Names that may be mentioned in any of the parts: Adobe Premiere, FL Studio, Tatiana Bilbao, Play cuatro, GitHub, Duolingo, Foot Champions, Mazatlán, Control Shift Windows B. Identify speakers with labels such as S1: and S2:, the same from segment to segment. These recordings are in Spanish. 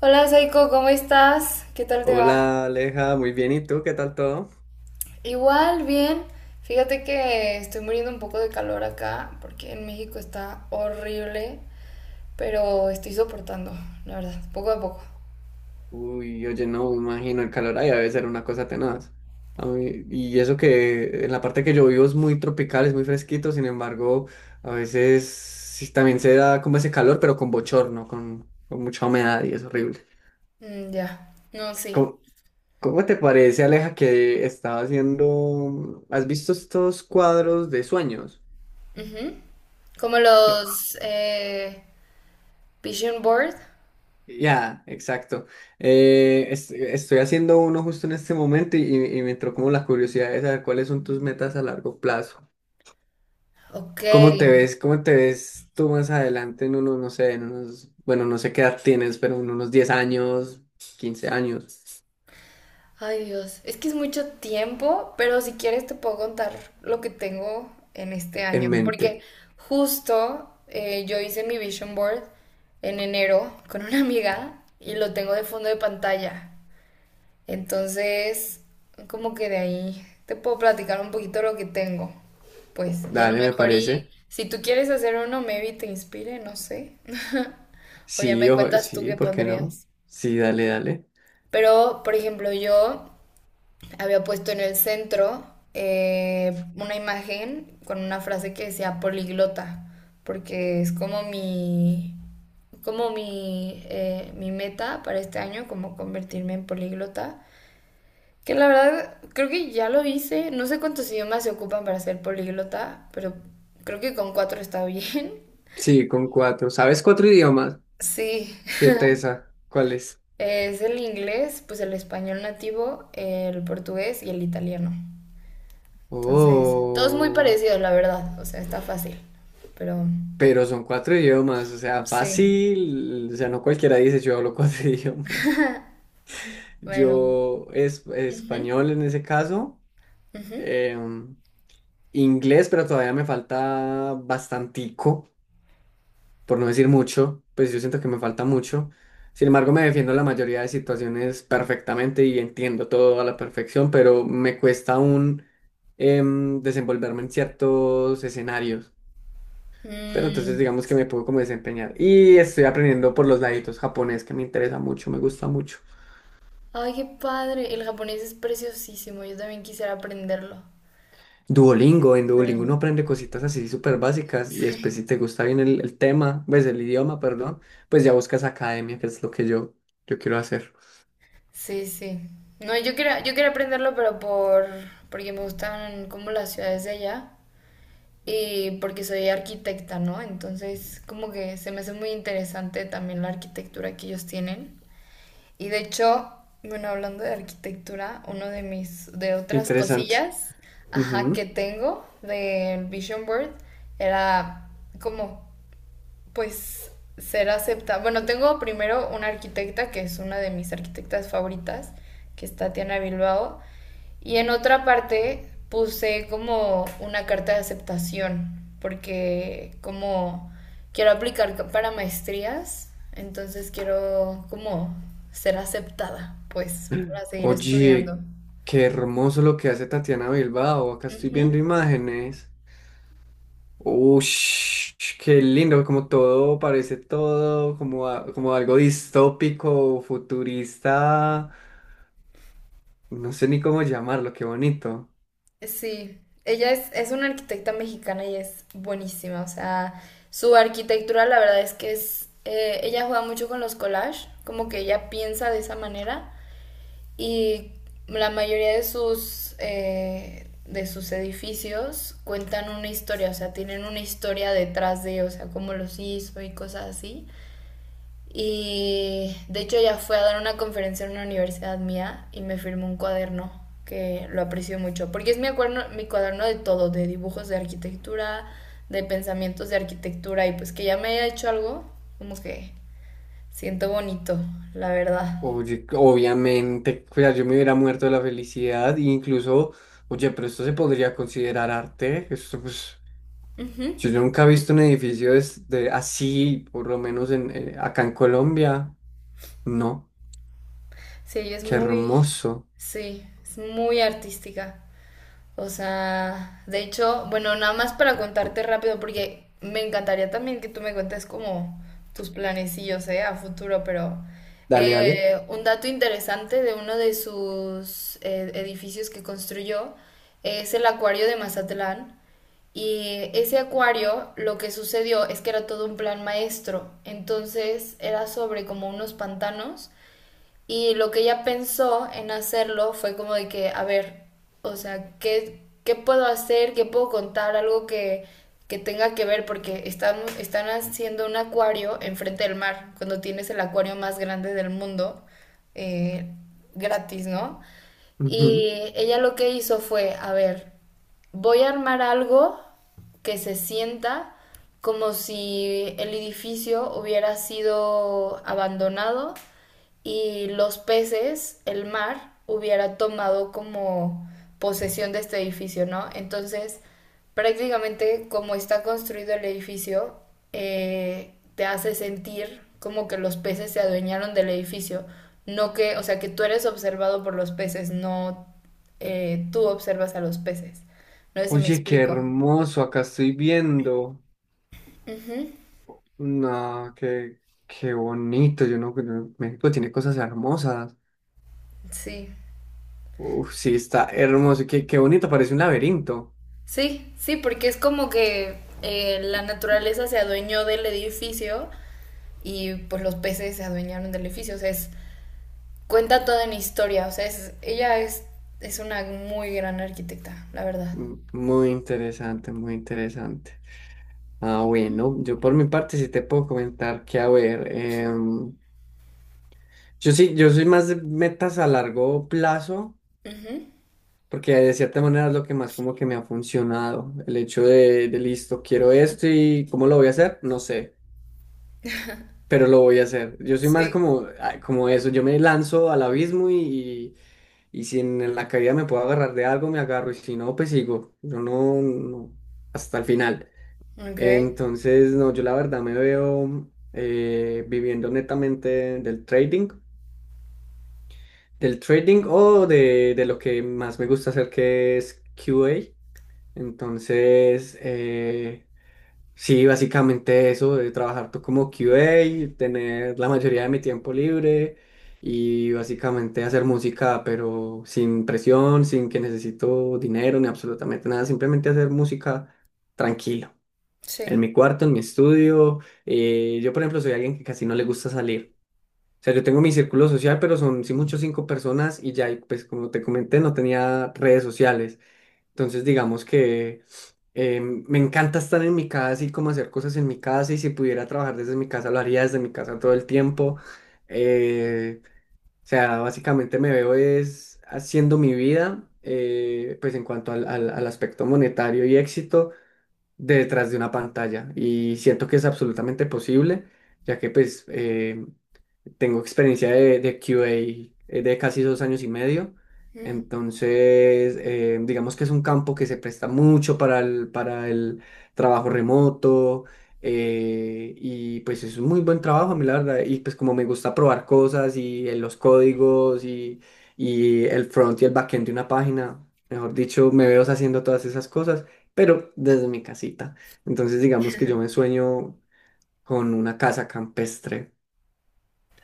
S1: Hola Saiko, ¿cómo estás? ¿Qué tal te va?
S2: Hola Aleja, muy bien, ¿y tú? ¿Qué tal todo?
S1: Igual, bien. Fíjate que estoy muriendo un poco de calor acá porque en México está horrible, pero estoy soportando, la verdad, poco a poco.
S2: Uy, oye, no, me imagino, el calor ahí debe ser una cosa tenaz. Y eso que en la parte que yo vivo es muy tropical, es muy fresquito, sin embargo, a veces sí, también se da como ese calor, pero con bochorno, con mucha humedad y es horrible.
S1: Mm, ya. No, sí.
S2: ¿Cómo, cómo te parece, Aleja, que estaba haciendo? ¿Has visto estos cuadros de sueños?
S1: Ujú. Como los Vision Board.
S2: Ya, exacto. Estoy haciendo uno justo en este momento y me entró como la curiosidad de saber cuáles son tus metas a largo plazo.
S1: Ok.
S2: ¿Cómo te ves? ¿Cómo te ves tú más adelante en unos, no sé, en unos, bueno, no sé qué edad tienes, pero en unos 10 años, 15 años
S1: Ay, Dios, es que es mucho tiempo, pero si quieres te puedo contar lo que tengo en este
S2: en
S1: año, porque
S2: mente?
S1: justo yo hice mi vision board en enero con una amiga y lo tengo de fondo de pantalla. Entonces, como que de ahí te puedo platicar un poquito lo que tengo. Pues, y a lo
S2: Dale, me
S1: mejor y
S2: parece.
S1: si tú quieres hacer uno, maybe te inspire, no sé. O ya
S2: Sí,
S1: me
S2: ojo,
S1: cuentas tú
S2: sí,
S1: qué
S2: ¿por qué no?
S1: pondrías.
S2: Sí, dale, dale.
S1: Pero, por ejemplo, yo había puesto en el centro una imagen con una frase que decía poliglota, porque es como mi, como mi meta para este año, como convertirme en poliglota. Que la verdad, creo que ya lo hice. No sé cuántos idiomas se ocupan para ser poliglota, pero creo que con cuatro está bien.
S2: Sí, con cuatro. ¿Sabes cuatro idiomas?
S1: Sí,
S2: ¿Qué tesa? ¿Cuáles?
S1: es el inglés, pues el español nativo, el portugués y el italiano. Entonces, todo es muy
S2: Oh.
S1: parecido, la verdad. O sea, está fácil. Pero
S2: Pero son cuatro idiomas, o sea,
S1: sí,
S2: fácil, o sea, no cualquiera dice yo hablo cuatro idiomas.
S1: bueno.
S2: Yo es
S1: Ujú,
S2: español en ese caso,
S1: ujú.
S2: em, inglés, pero todavía me falta bastantico, por no decir mucho, pues yo siento que me falta mucho. Sin embargo, me defiendo en la mayoría de situaciones perfectamente y entiendo todo a la perfección, pero me cuesta aún desenvolverme en ciertos escenarios. Pero entonces
S1: Mm.
S2: digamos que me puedo como desempeñar. Y estoy aprendiendo por los laditos japonés, que me interesa mucho, me gusta mucho.
S1: Ay, qué padre. El japonés es preciosísimo. Yo también quisiera aprenderlo.
S2: Duolingo, en
S1: Pero
S2: Duolingo uno aprende cositas así súper básicas y después si te gusta bien el tema, ves el idioma, perdón, pues ya buscas academia, que es lo que yo quiero hacer.
S1: sí, sí. No, yo quería aprenderlo, pero porque me gustan como las ciudades de allá y porque soy arquitecta, ¿no? Entonces, como que se me hace muy interesante también la arquitectura que ellos tienen. Y de hecho, bueno, hablando de arquitectura, uno de mis, de
S2: Qué
S1: otras
S2: interesante.
S1: cosillas, ajá, que
S2: Ujú.
S1: tengo del Vision Board era como pues ser aceptada. Bueno, tengo primero una arquitecta que es una de mis arquitectas favoritas, que es Tatiana Bilbao, y en otra parte puse como una carta de aceptación, porque como quiero aplicar para maestrías, entonces quiero como ser aceptada, pues, para seguir estudiando.
S2: Oye, qué hermoso lo que hace Tatiana Bilbao. Acá estoy
S1: Ujú.
S2: viendo imágenes. Ush, qué lindo, como todo, parece todo como, como algo distópico, futurista, no sé ni cómo llamarlo, qué bonito.
S1: Sí, ella es una arquitecta mexicana y es buenísima. O sea, su arquitectura la verdad es que es ella juega mucho con los collages, como que ella piensa de esa manera y la mayoría de sus edificios cuentan una historia, o sea, tienen una historia detrás de, o sea, cómo los hizo y cosas así. Y de hecho ya fue a dar una conferencia en una universidad mía y me firmó un cuaderno que lo aprecio mucho, porque es mi cuaderno de todo, de dibujos de arquitectura, de pensamientos de arquitectura y pues que ya me haya hecho algo, como que siento bonito, la verdad.
S2: Oye, obviamente, o sea, yo me hubiera muerto de la felicidad, e incluso, oye, pero esto se podría considerar arte, esto pues,
S1: Ujú.
S2: yo nunca he visto un edificio de, así, por lo menos en, acá en Colombia, no,
S1: Sí, ella es
S2: qué
S1: muy,
S2: hermoso.
S1: sí, es muy artística. O sea, de hecho, bueno, nada más para contarte rápido, porque me encantaría también que tú me cuentes como tus planecillos, ¿eh? A futuro, pero
S2: Dale, dale.
S1: un dato interesante de uno de sus edificios que construyó es el acuario de Mazatlán. Y ese acuario, lo que sucedió es que era todo un plan maestro. Entonces era sobre como unos pantanos y lo que ella pensó en hacerlo fue como de que, a ver, o sea, ¿qué puedo hacer? ¿Qué puedo contar? Algo que tenga que ver, porque están haciendo un acuario enfrente del mar, cuando tienes el acuario más grande del mundo, eh, gratis, ¿no?
S2: Ujú.
S1: Y ella lo que hizo fue, a ver, voy a armar algo que se sienta como si el edificio hubiera sido abandonado y los peces, el mar, hubiera tomado como posesión de este edificio, ¿no? Entonces, prácticamente como está construido el edificio, te hace sentir como que los peces se adueñaron del edificio, no que, o sea, que tú eres observado por los peces, no tú observas a los peces. No sé si me
S2: Oye, qué
S1: explico.
S2: hermoso, acá estoy viendo.
S1: Ujú.
S2: No, qué, qué bonito. Yo México tiene cosas hermosas.
S1: Sí,
S2: Uf, sí, está hermoso. Qué bonito, parece un laberinto.
S1: sí, sí, porque es como que la naturaleza se adueñó del edificio y pues los peces se adueñaron del edificio. O sea, es, cuenta toda una historia. O sea, es, ella es una muy gran arquitecta, la verdad.
S2: Muy interesante, muy interesante. Ah, bueno, yo por mi parte sí te puedo comentar que, a ver, yo sí, yo soy más de metas a largo plazo,
S1: Ujú.
S2: porque de cierta manera es lo que más como que me ha funcionado. El hecho de listo, quiero esto y ¿cómo lo voy a hacer? No sé, pero lo voy a hacer. Yo soy más
S1: Sí.
S2: como, ah, como eso, yo me lanzo al abismo y, si en, la caída me puedo agarrar de algo, me agarro, y si no, pues sigo. Yo no, no, hasta el final.
S1: Ok,
S2: Entonces, no, yo la verdad me veo viviendo netamente del trading, del trading o de lo que más me gusta hacer, que es QA. Entonces, sí, básicamente eso, de trabajar tú como QA tener la mayoría de mi tiempo libre y básicamente hacer música, pero sin presión, sin que necesito dinero ni absolutamente nada, simplemente hacer música tranquilo, en
S1: sí.
S2: mi cuarto, en mi estudio. Yo, por ejemplo, soy alguien que casi no le gusta salir. O sea, yo tengo mi círculo social, pero son, sí, muchos cinco personas y ya, y pues como te comenté, no tenía redes sociales. Entonces, digamos que. Me encanta estar en mi casa y como hacer cosas en mi casa y si pudiera trabajar desde mi casa lo haría desde mi casa todo el tiempo. Eh, o sea, básicamente me veo es haciendo mi vida, pues en cuanto al aspecto monetario y éxito, detrás de una pantalla. Y siento que es absolutamente posible, ya que pues tengo experiencia de QA de casi 2 años y medio, entonces digamos que es un campo que se presta mucho para el, trabajo remoto y pues es un muy buen trabajo, a mí la verdad, y pues como me gusta probar cosas y los códigos y el front y el backend de una página, mejor dicho, me veo haciendo todas esas cosas, pero desde mi casita. Entonces digamos que yo me sueño con una casa campestre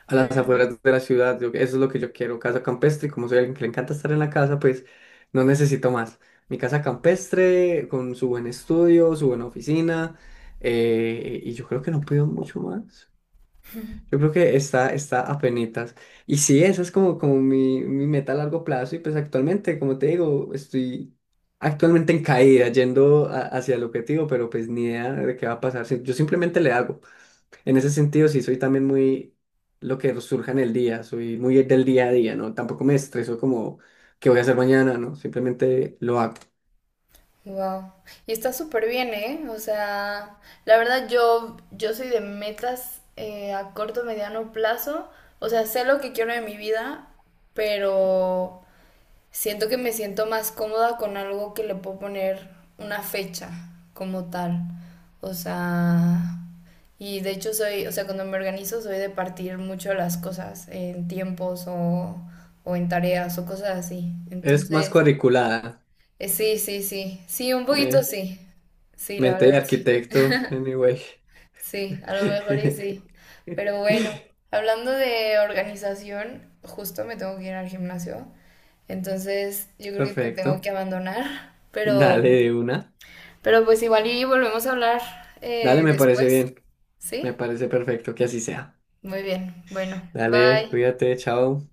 S2: a las afueras de la ciudad. Eso es lo que yo quiero, casa campestre. Y como soy alguien que le encanta estar en la casa, pues no necesito más. Mi casa campestre, con su buen estudio, su buena oficina, y yo creo que no pido mucho más. Yo creo que está apenitas. Y sí, esa es como, mi meta a largo plazo. Y pues actualmente, como te digo, estoy actualmente en caída, yendo hacia el objetivo, pero pues ni idea de qué va a pasar. Sí, yo simplemente le hago. En ese sentido, sí, soy también muy lo que surja en el día, soy muy del día a día, ¿no? Tampoco me estreso como qué voy a hacer mañana, ¿no? Simplemente lo hago.
S1: Wow. Y está súper bien, ¿eh? O sea, la verdad yo, yo soy de metas a corto, mediano plazo. O sea, sé lo que quiero de mi vida, pero siento que me siento más cómoda con algo que le puedo poner una fecha como tal. O sea, y de hecho soy, o sea, cuando me organizo soy de partir mucho las cosas en tiempos o en tareas o cosas así.
S2: Es más
S1: Entonces,
S2: cuadriculada,
S1: sí, sí, sí. Sí, un poquito
S2: ¿eh?
S1: sí. Sí, la
S2: Mente de
S1: verdad, sí.
S2: arquitecto, anyway.
S1: Sí, a lo mejor y sí. Pero bueno, hablando de organización, justo me tengo que ir al gimnasio. Entonces, yo creo que te tengo que
S2: Perfecto.
S1: abandonar.
S2: Dale de una.
S1: Pero pues igual y volvemos a hablar
S2: Dale, me parece
S1: después.
S2: bien. Me
S1: ¿Sí?
S2: parece perfecto que así sea.
S1: Muy bien. Bueno,
S2: Dale,
S1: bye.
S2: cuídate, chao.